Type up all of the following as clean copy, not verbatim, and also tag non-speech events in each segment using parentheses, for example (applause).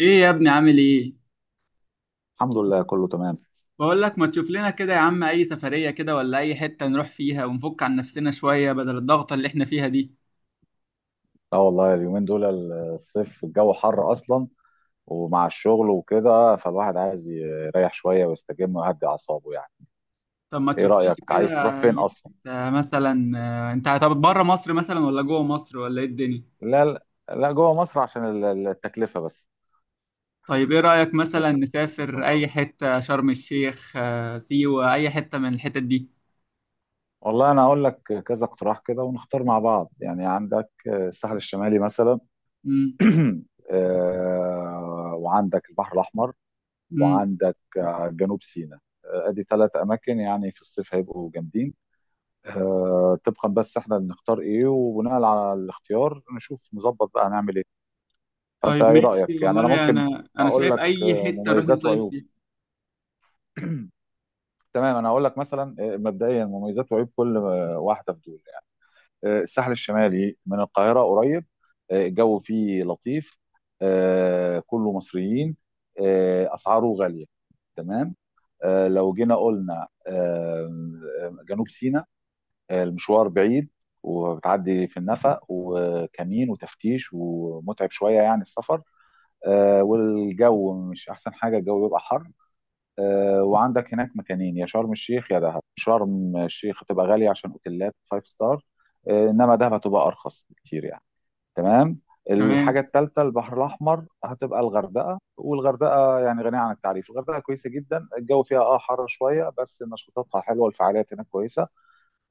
ايه يا ابني عامل ايه؟ الحمد لله، كله تمام. بقول لك ما تشوف لنا كده يا عم اي سفرية كده ولا اي حتة نروح فيها ونفك عن نفسنا شوية بدل الضغط اللي احنا فيها دي. اه، والله اليومين دول، الصيف الجو حر اصلا، ومع الشغل وكده، فالواحد عايز يريح شويه ويستجم ويهدي اعصابه يعني. طب ما ايه تشوف لنا رايك؟ عايز تروح كده فين أي اصلا؟ حتة مثلا. انت طب بره مصر مثلا ولا جوه مصر ولا ايه الدنيا؟ لا، لا، لا، جوه مصر عشان التكلفه بس. طيب ايه رأيك عشان مثلا نسافر التكلفه. اي حتة شرم الشيخ، سيوة، اي حتة من الحتت دي. والله انا اقول لك كذا اقتراح كده، ونختار مع بعض. يعني عندك الساحل الشمالي مثلا. امم (clears throat) وعندك البحر الاحمر، امم وعندك جنوب سيناء. ادي ثلاث اماكن، يعني في الصيف هيبقوا جامدين. طبقا بس احنا بنختار ايه، وبناء على الاختيار نشوف نظبط بقى هنعمل ايه. فانت طيب ايه ماشي رايك؟ يعني انا والله ممكن انا اقول شايف لك اي حتة نروح مميزات نصيف وعيوب. فيها. تمام، انا هقول لك مثلا مبدئيا مميزات وعيوب كل واحده في دول يعني. الساحل الشمالي من القاهره قريب، الجو فيه لطيف، كله مصريين، اسعاره غاليه. تمام. لو جينا قلنا جنوب سيناء، المشوار بعيد، وبتعدي في النفق وكمين وتفتيش، ومتعب شوية يعني السفر. والجو مش أحسن حاجة، الجو بيبقى حر. وعندك هناك مكانين، يا شرم الشيخ يا دهب. شرم الشيخ هتبقى غالية عشان أوتيلات فايف ستار، إنما دهب هتبقى أرخص بكتير يعني. تمام. تمام، الحاجة الثالثة، البحر الأحمر، هتبقى الغردقة. والغردقة يعني غنية عن التعريف. الغردقة كويسة جدا، الجو فيها اه حر شوية، بس نشاطاتها حلوة والفعاليات هناك كويسة.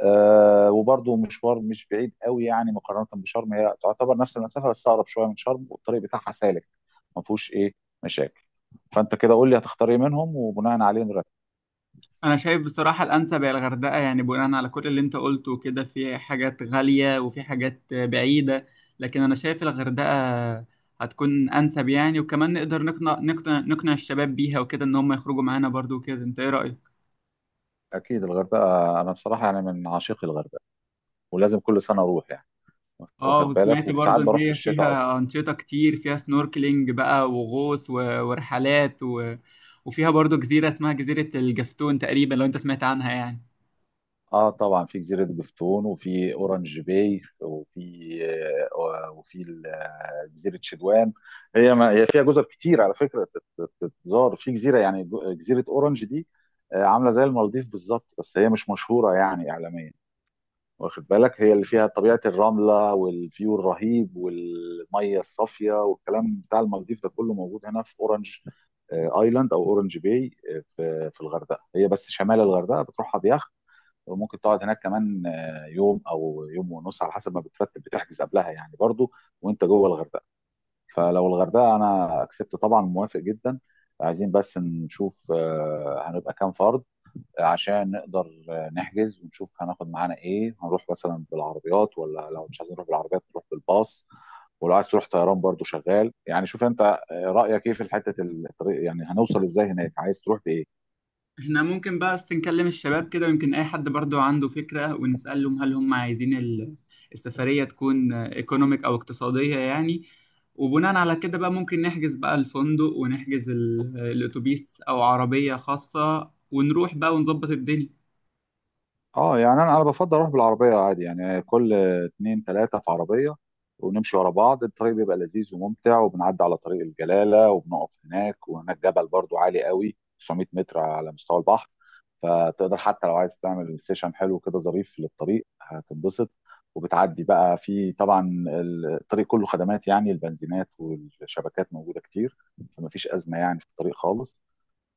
آه، وبرضه مشوار مش بعيد قوي، يعني مقارنه بشرم هي تعتبر نفس المسافه، بس اقرب شويه من شرم. والطريق بتاعها سالك، ما فيهوش ايه مشاكل. فانت كده قول لي هتختار ايه منهم، وبناء عليه نرتب. انا شايف بصراحه الانسب هي الغردقه، يعني بناء على كل اللي انت قلته وكده، في حاجات غاليه وفي حاجات بعيده، لكن انا شايف الغردقه هتكون انسب يعني. وكمان نقدر نقنع الشباب بيها وكده ان هم يخرجوا معانا برضو وكده. انت ايه رايك؟ اكيد الغردقه. انا بصراحه يعني من عشاق الغردقه، ولازم كل سنه اروح يعني. اه، واخد بالك وسمعت برضو وساعات ان بروح في هي الشتاء اصلا. فيها انشطه كتير، فيها سنوركلينج بقى وغوص ورحلات وفيها برضو جزيره اسمها جزيره الجفتون تقريبا، لو انت سمعت عنها يعني. اه طبعا، في جزيره جفتون، وفي اورانج باي، وفي وفي جزيره شدوان. هي ما هي فيها جزر كتير على فكره، تتزار في جزيره، يعني جزيره اورانج دي عامله زي المالديف بالظبط، بس هي مش مشهوره يعني اعلاميا. واخد بالك، هي اللي فيها طبيعه الرمله والفيو الرهيب والميه الصافيه، والكلام بتاع المالديف ده كله موجود هنا في اورانج ايلاند او اورانج باي في الغردقه. هي بس شمال الغردقه، بتروحها بيخت. وممكن تقعد هناك كمان يوم او يوم ونص، على حسب ما بترتب بتحجز قبلها يعني برضو، وانت جوه الغردقه. فلو الغردقه انا اكسبت طبعا موافق جدا. عايزين بس نشوف هنبقى كام فرد، عشان نقدر نحجز ونشوف هناخد معانا ايه. هنروح مثلا بالعربيات، ولا لو مش عايزين نروح بالعربيات نروح بالباص، ولو عايز تروح طيران برضو شغال يعني. شوف انت رأيك ايه في حتة الطريق، يعني هنوصل ازاي هناك، عايز تروح بايه؟ احنا ممكن بقى بس نكلم الشباب كده، ويمكن اي حد برضو عنده فكرة، ونسألهم هل هم عايزين السفرية تكون ايكونوميك او اقتصادية يعني. وبناء على كده بقى ممكن نحجز بقى الفندق ونحجز الاتوبيس او عربية خاصة، ونروح بقى ونظبط الدنيا. اه يعني انا بفضل اروح بالعربيه عادي، يعني كل اتنين تلاته في عربيه، ونمشي ورا بعض. الطريق بيبقى لذيذ وممتع، وبنعدي على طريق الجلاله وبنقف، هناك وهناك جبل برضو عالي قوي، 900 متر على مستوى البحر. فتقدر حتى لو عايز تعمل سيشن حلو كده ظريف للطريق هتنبسط. وبتعدي بقى في طبعا الطريق كله خدمات، يعني البنزينات والشبكات موجوده كتير، فمفيش ازمه يعني في الطريق خالص.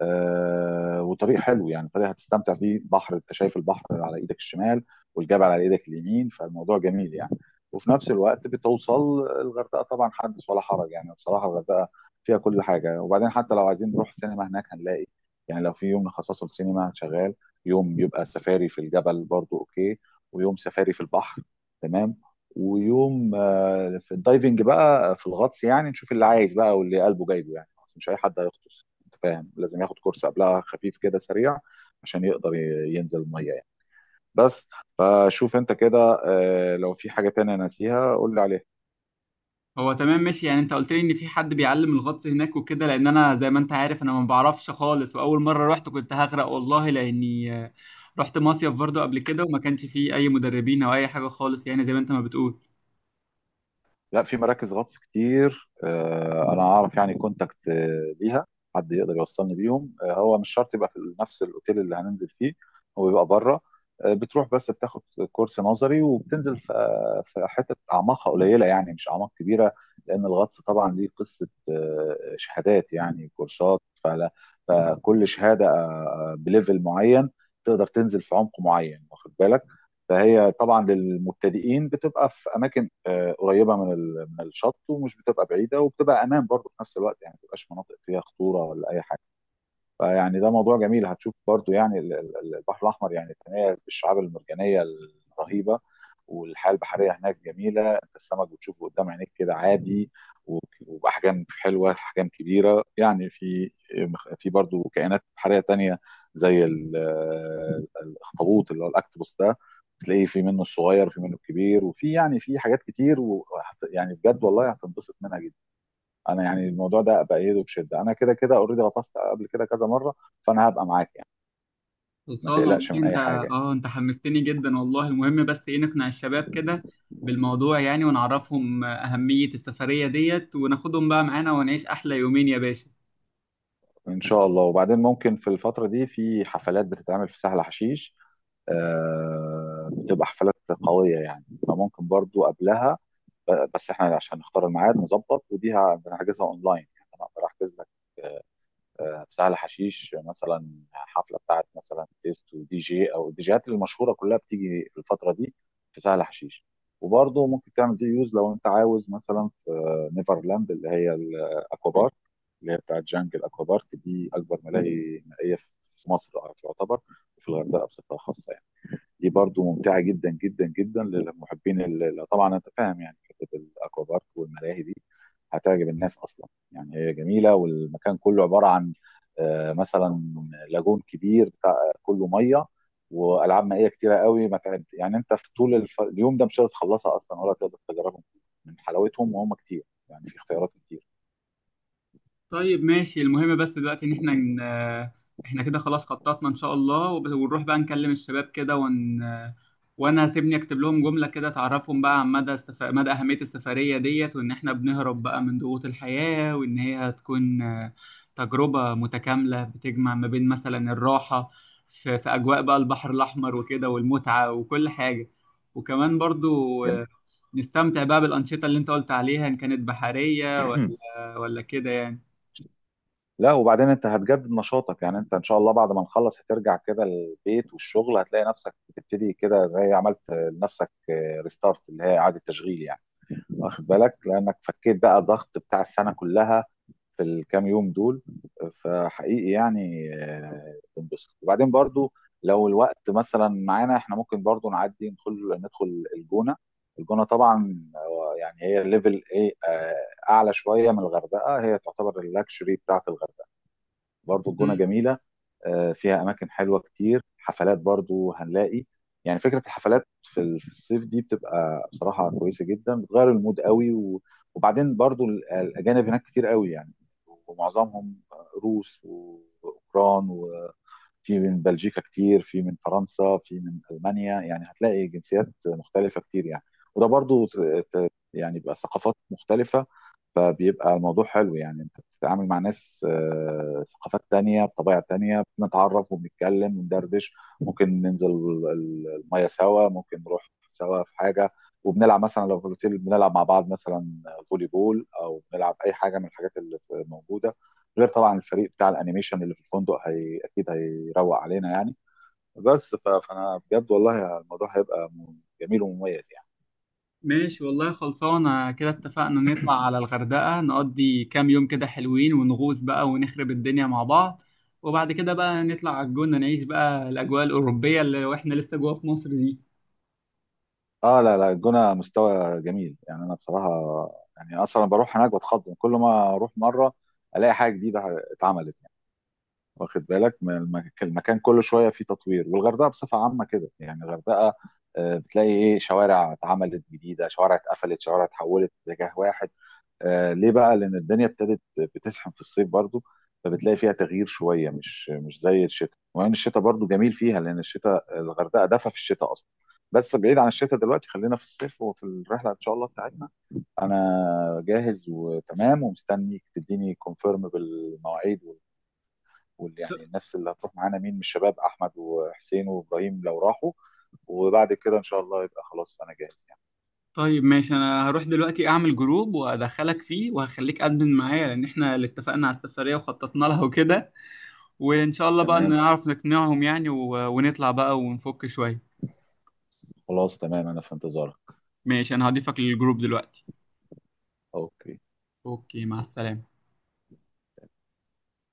آه، والطريق حلو يعني، طريق هتستمتع فيه، بحر، انت شايف البحر على ايدك الشمال، والجبل على ايدك اليمين، فالموضوع جميل يعني. وفي نفس الوقت بتوصل الغردقه، طبعا حدث ولا حرج يعني، بصراحه الغردقه فيها كل حاجه. وبعدين حتى لو عايزين نروح سينما، هناك هنلاقي. يعني لو في يوم نخصصه للسينما شغال. يوم يبقى سفاري في الجبل برضو اوكي، ويوم سفاري في البحر. تمام. ويوم في الدايفنج بقى، في الغطس، يعني نشوف اللي عايز بقى واللي قلبه جايبه يعني، أصل مش اي حد هيغطس. انت فاهم؟ لازم ياخد كورس قبلها، خفيف كده سريع، عشان يقدر ينزل الميه يعني. بس. فشوف انت كده، لو في حاجه تانية ناسيها قول لي عليها. هو تمام ماشي، يعني انت قلت لي ان في حد بيعلم الغطس هناك وكده، لان انا زي ما انت عارف انا ما بعرفش خالص، واول مرة رحت كنت هغرق والله، لاني رحت مصيف برضو قبل كده وما كانش فيه اي مدربين او اي حاجة خالص، يعني زي ما انت ما بتقول. لا، في مراكز غطس كتير، انا اعرف يعني كونتاكت ليها. حد يقدر يوصلني بيهم. هو مش شرط يبقى في نفس الاوتيل اللي هننزل فيه، هو بيبقى بره. بتروح بس بتاخد كورس نظري، وبتنزل في في حتت اعماقها قليله يعني، مش اعماق كبيره. لان الغطس طبعا ليه قصه، شهادات يعني كورسات فلا. فكل شهاده بليفل معين تقدر تنزل في عمق معين، واخد بالك. فهي طبعا للمبتدئين بتبقى في اماكن قريبه من الشط، ومش بتبقى بعيده، وبتبقى امان برضه في نفس الوقت، يعني ما بتبقاش مناطق فيها خطوره ولا اي حاجه. فيعني ده موضوع جميل. هتشوف برضو يعني البحر الأحمر يعني يتميز بالشعاب المرجانية الرهيبة، والحياة البحرية هناك جميلة. انت السمك بتشوفه قدام عينيك كده عادي، و- وبأحجام حلوة، أحجام كبيرة يعني. في، في برضو كائنات بحرية تانية، زي الأخطبوط، اللي هو الأكتوبوس ده، تلاقيه في منه الصغير وفي منه الكبير، وفي يعني في حاجات كتير و... يعني بجد والله هتنبسط منها جدا. انا يعني الموضوع ده بايده بشده، انا كده كده اوريدي غطست قبل كده كذا مره، فانا هبقى معاك يعني. ما خلصانة والله، تقلقش من انت اي حاجه. اه انت حمستني جدا والله. المهم بس ايه، نقنع الشباب كده بالموضوع يعني، ونعرفهم أهمية السفرية ديت، وناخدهم بقى معانا ونعيش أحلى يومين يا باشا. ان شاء الله. وبعدين ممكن في الفتره دي في حفلات بتتعمل في سهل حشيش. آه، بتبقى حفلات قويه يعني، فممكن برضو قبلها بس احنا عشان نختار الميعاد نظبط، ودي هنحجزها اونلاين يعني. انا اقدر احجز لك في سهل حشيش مثلا حفله بتاعت مثلا تيست ودي جي، او الديجيهات المشهوره كلها بتيجي في الفتره دي في سهل حشيش. وبرضه ممكن تعمل دي يوز، لو انت عاوز مثلا في نيفرلاند، اللي هي الاكوا بارك، اللي هي بتاعت جانجل اكوا بارك، دي اكبر ملاهي مائيه في مصر تعتبر، وفي الغردقه بصفه خاصه يعني. دي برضو ممتعه جدا جدا جدا للمحبين طبعا انت فاهم يعني، حته الاكوا بارك والملاهي دي هتعجب الناس اصلا، يعني هي جميله. والمكان كله عباره عن مثلا لاجون كبير بتاع كله ميه، والعاب مائيه كتيره قوي ما تعد يعني. انت في طول اليوم ده مش هتخلصها اصلا، ولا تقدر تجربهم من حلاوتهم، وهم كتير، يعني في اختيارات كتير. طيب ماشي، المهم بس دلوقتي ان احنا احنا كده خلاص خططنا ان شاء الله، ونروح بقى نكلم الشباب كده وانا هسيبني اكتب لهم جملة كده تعرفهم بقى عن مدى اهمية السفرية ديت، وان احنا بنهرب بقى من ضغوط الحياة، وان هي هتكون تجربة متكاملة بتجمع ما بين مثلا الراحة في اجواء بقى البحر الاحمر وكده، والمتعة وكل حاجة. وكمان برضو جميل. نستمتع بقى بالأنشطة اللي انت قلت عليها، ان كانت بحرية (clears throat) ولا كده يعني. لا، وبعدين انت هتجدد نشاطك، يعني انت ان شاء الله بعد ما نخلص هترجع كده البيت والشغل، هتلاقي نفسك بتبتدي كده زي عملت لنفسك ريستارت، اللي هي اعاده تشغيل يعني. واخد بالك، لانك فكيت بقى الضغط بتاع السنه كلها في الكام يوم دول. فحقيقي يعني بنبسط. وبعدين برضو لو الوقت مثلا معانا، احنا ممكن برضو نعدي ندخل الجونه. الجونه طبعا يعني هي ليفل ايه، اعلى شويه من الغردقه، هي تعتبر اللاكشري بتاعت الغردقه. برضو الجونة مم. جميلة، فيها أماكن حلوة كتير، حفلات برضو هنلاقي. يعني فكرة الحفلات في في الصيف دي بتبقى بصراحة كويسة جدا، بتغير المود قوي. وبعدين برضو الأجانب هناك كتير قوي يعني، ومعظمهم روس وأوكران، وفي من بلجيكا كتير، في من فرنسا، في من ألمانيا، يعني هتلاقي جنسيات مختلفة كتير يعني. وده برضو يعني بقى ثقافات مختلفة، فبيبقى الموضوع حلو يعني. انت بتتعامل مع ناس ثقافات تانية بطبيعة تانية، بنتعرف وبنتكلم وندردش، ممكن ننزل المية سوا، ممكن نروح سوا في حاجة، وبنلعب مثلا لو في الاوتيل بنلعب مع بعض مثلا فولي بول، او بنلعب اي حاجة من الحاجات اللي موجودة، غير طبعا الفريق بتاع الانيميشن اللي في الفندق، هي اكيد هيروق علينا يعني. بس فانا بجد والله الموضوع هيبقى جميل ومميز يعني. ماشي والله، خلصانة كده. اتفقنا نطلع على الغردقة، نقضي كام يوم كده حلوين، ونغوص بقى ونخرب الدنيا مع بعض، وبعد كده بقى نطلع على الجونة نعيش بقى الأجواء الأوروبية اللي واحنا لسه جوا في مصر دي. اه، لا، لا، الجونه مستوى جميل يعني. انا بصراحه يعني، اصلا بروح هناك بتخض، كل ما اروح مره الاقي حاجه جديده اتعملت يعني. واخد بالك، من المكان كل شويه فيه تطوير، والغردقه بصفه عامه كده يعني الغردقه بتلاقي ايه شوارع اتعملت جديده، شوارع اتقفلت، شوارع اتحولت اتجاه واحد. آه ليه بقى؟ لأن الدنيا ابتدت بتسخن في الصيف برضو، فبتلاقي فيها تغيير شوية، مش زي الشتاء، وإن الشتاء برضو جميل فيها، لأن الشتاء الغردقة دفى في الشتاء أصلا. بس بعيد عن الشتاء دلوقتي، خلينا في الصيف وفي الرحلة إن شاء الله بتاعتنا. أنا جاهز وتمام، ومستنيك تديني كونفيرم بالمواعيد وال ط- يعني الناس اللي هتروح معانا، مين من الشباب، أحمد وحسين وإبراهيم لو راحوا. وبعد كده إن شاء الله يبقى خلاص، أنا جاهز يعني. طيب ماشي، أنا هروح دلوقتي أعمل جروب وأدخلك فيه وهخليك أدمن معايا، لأن احنا اللي اتفقنا على السفرية وخططنا لها وكده. وإن شاء الله بقى تمام. نعرف نقنعهم يعني، ونطلع بقى ونفك شوية. خلاص تمام، أنا في انتظارك. ماشي، أنا هضيفك للجروب دلوقتي. أوكي. أوكي، مع السلامة.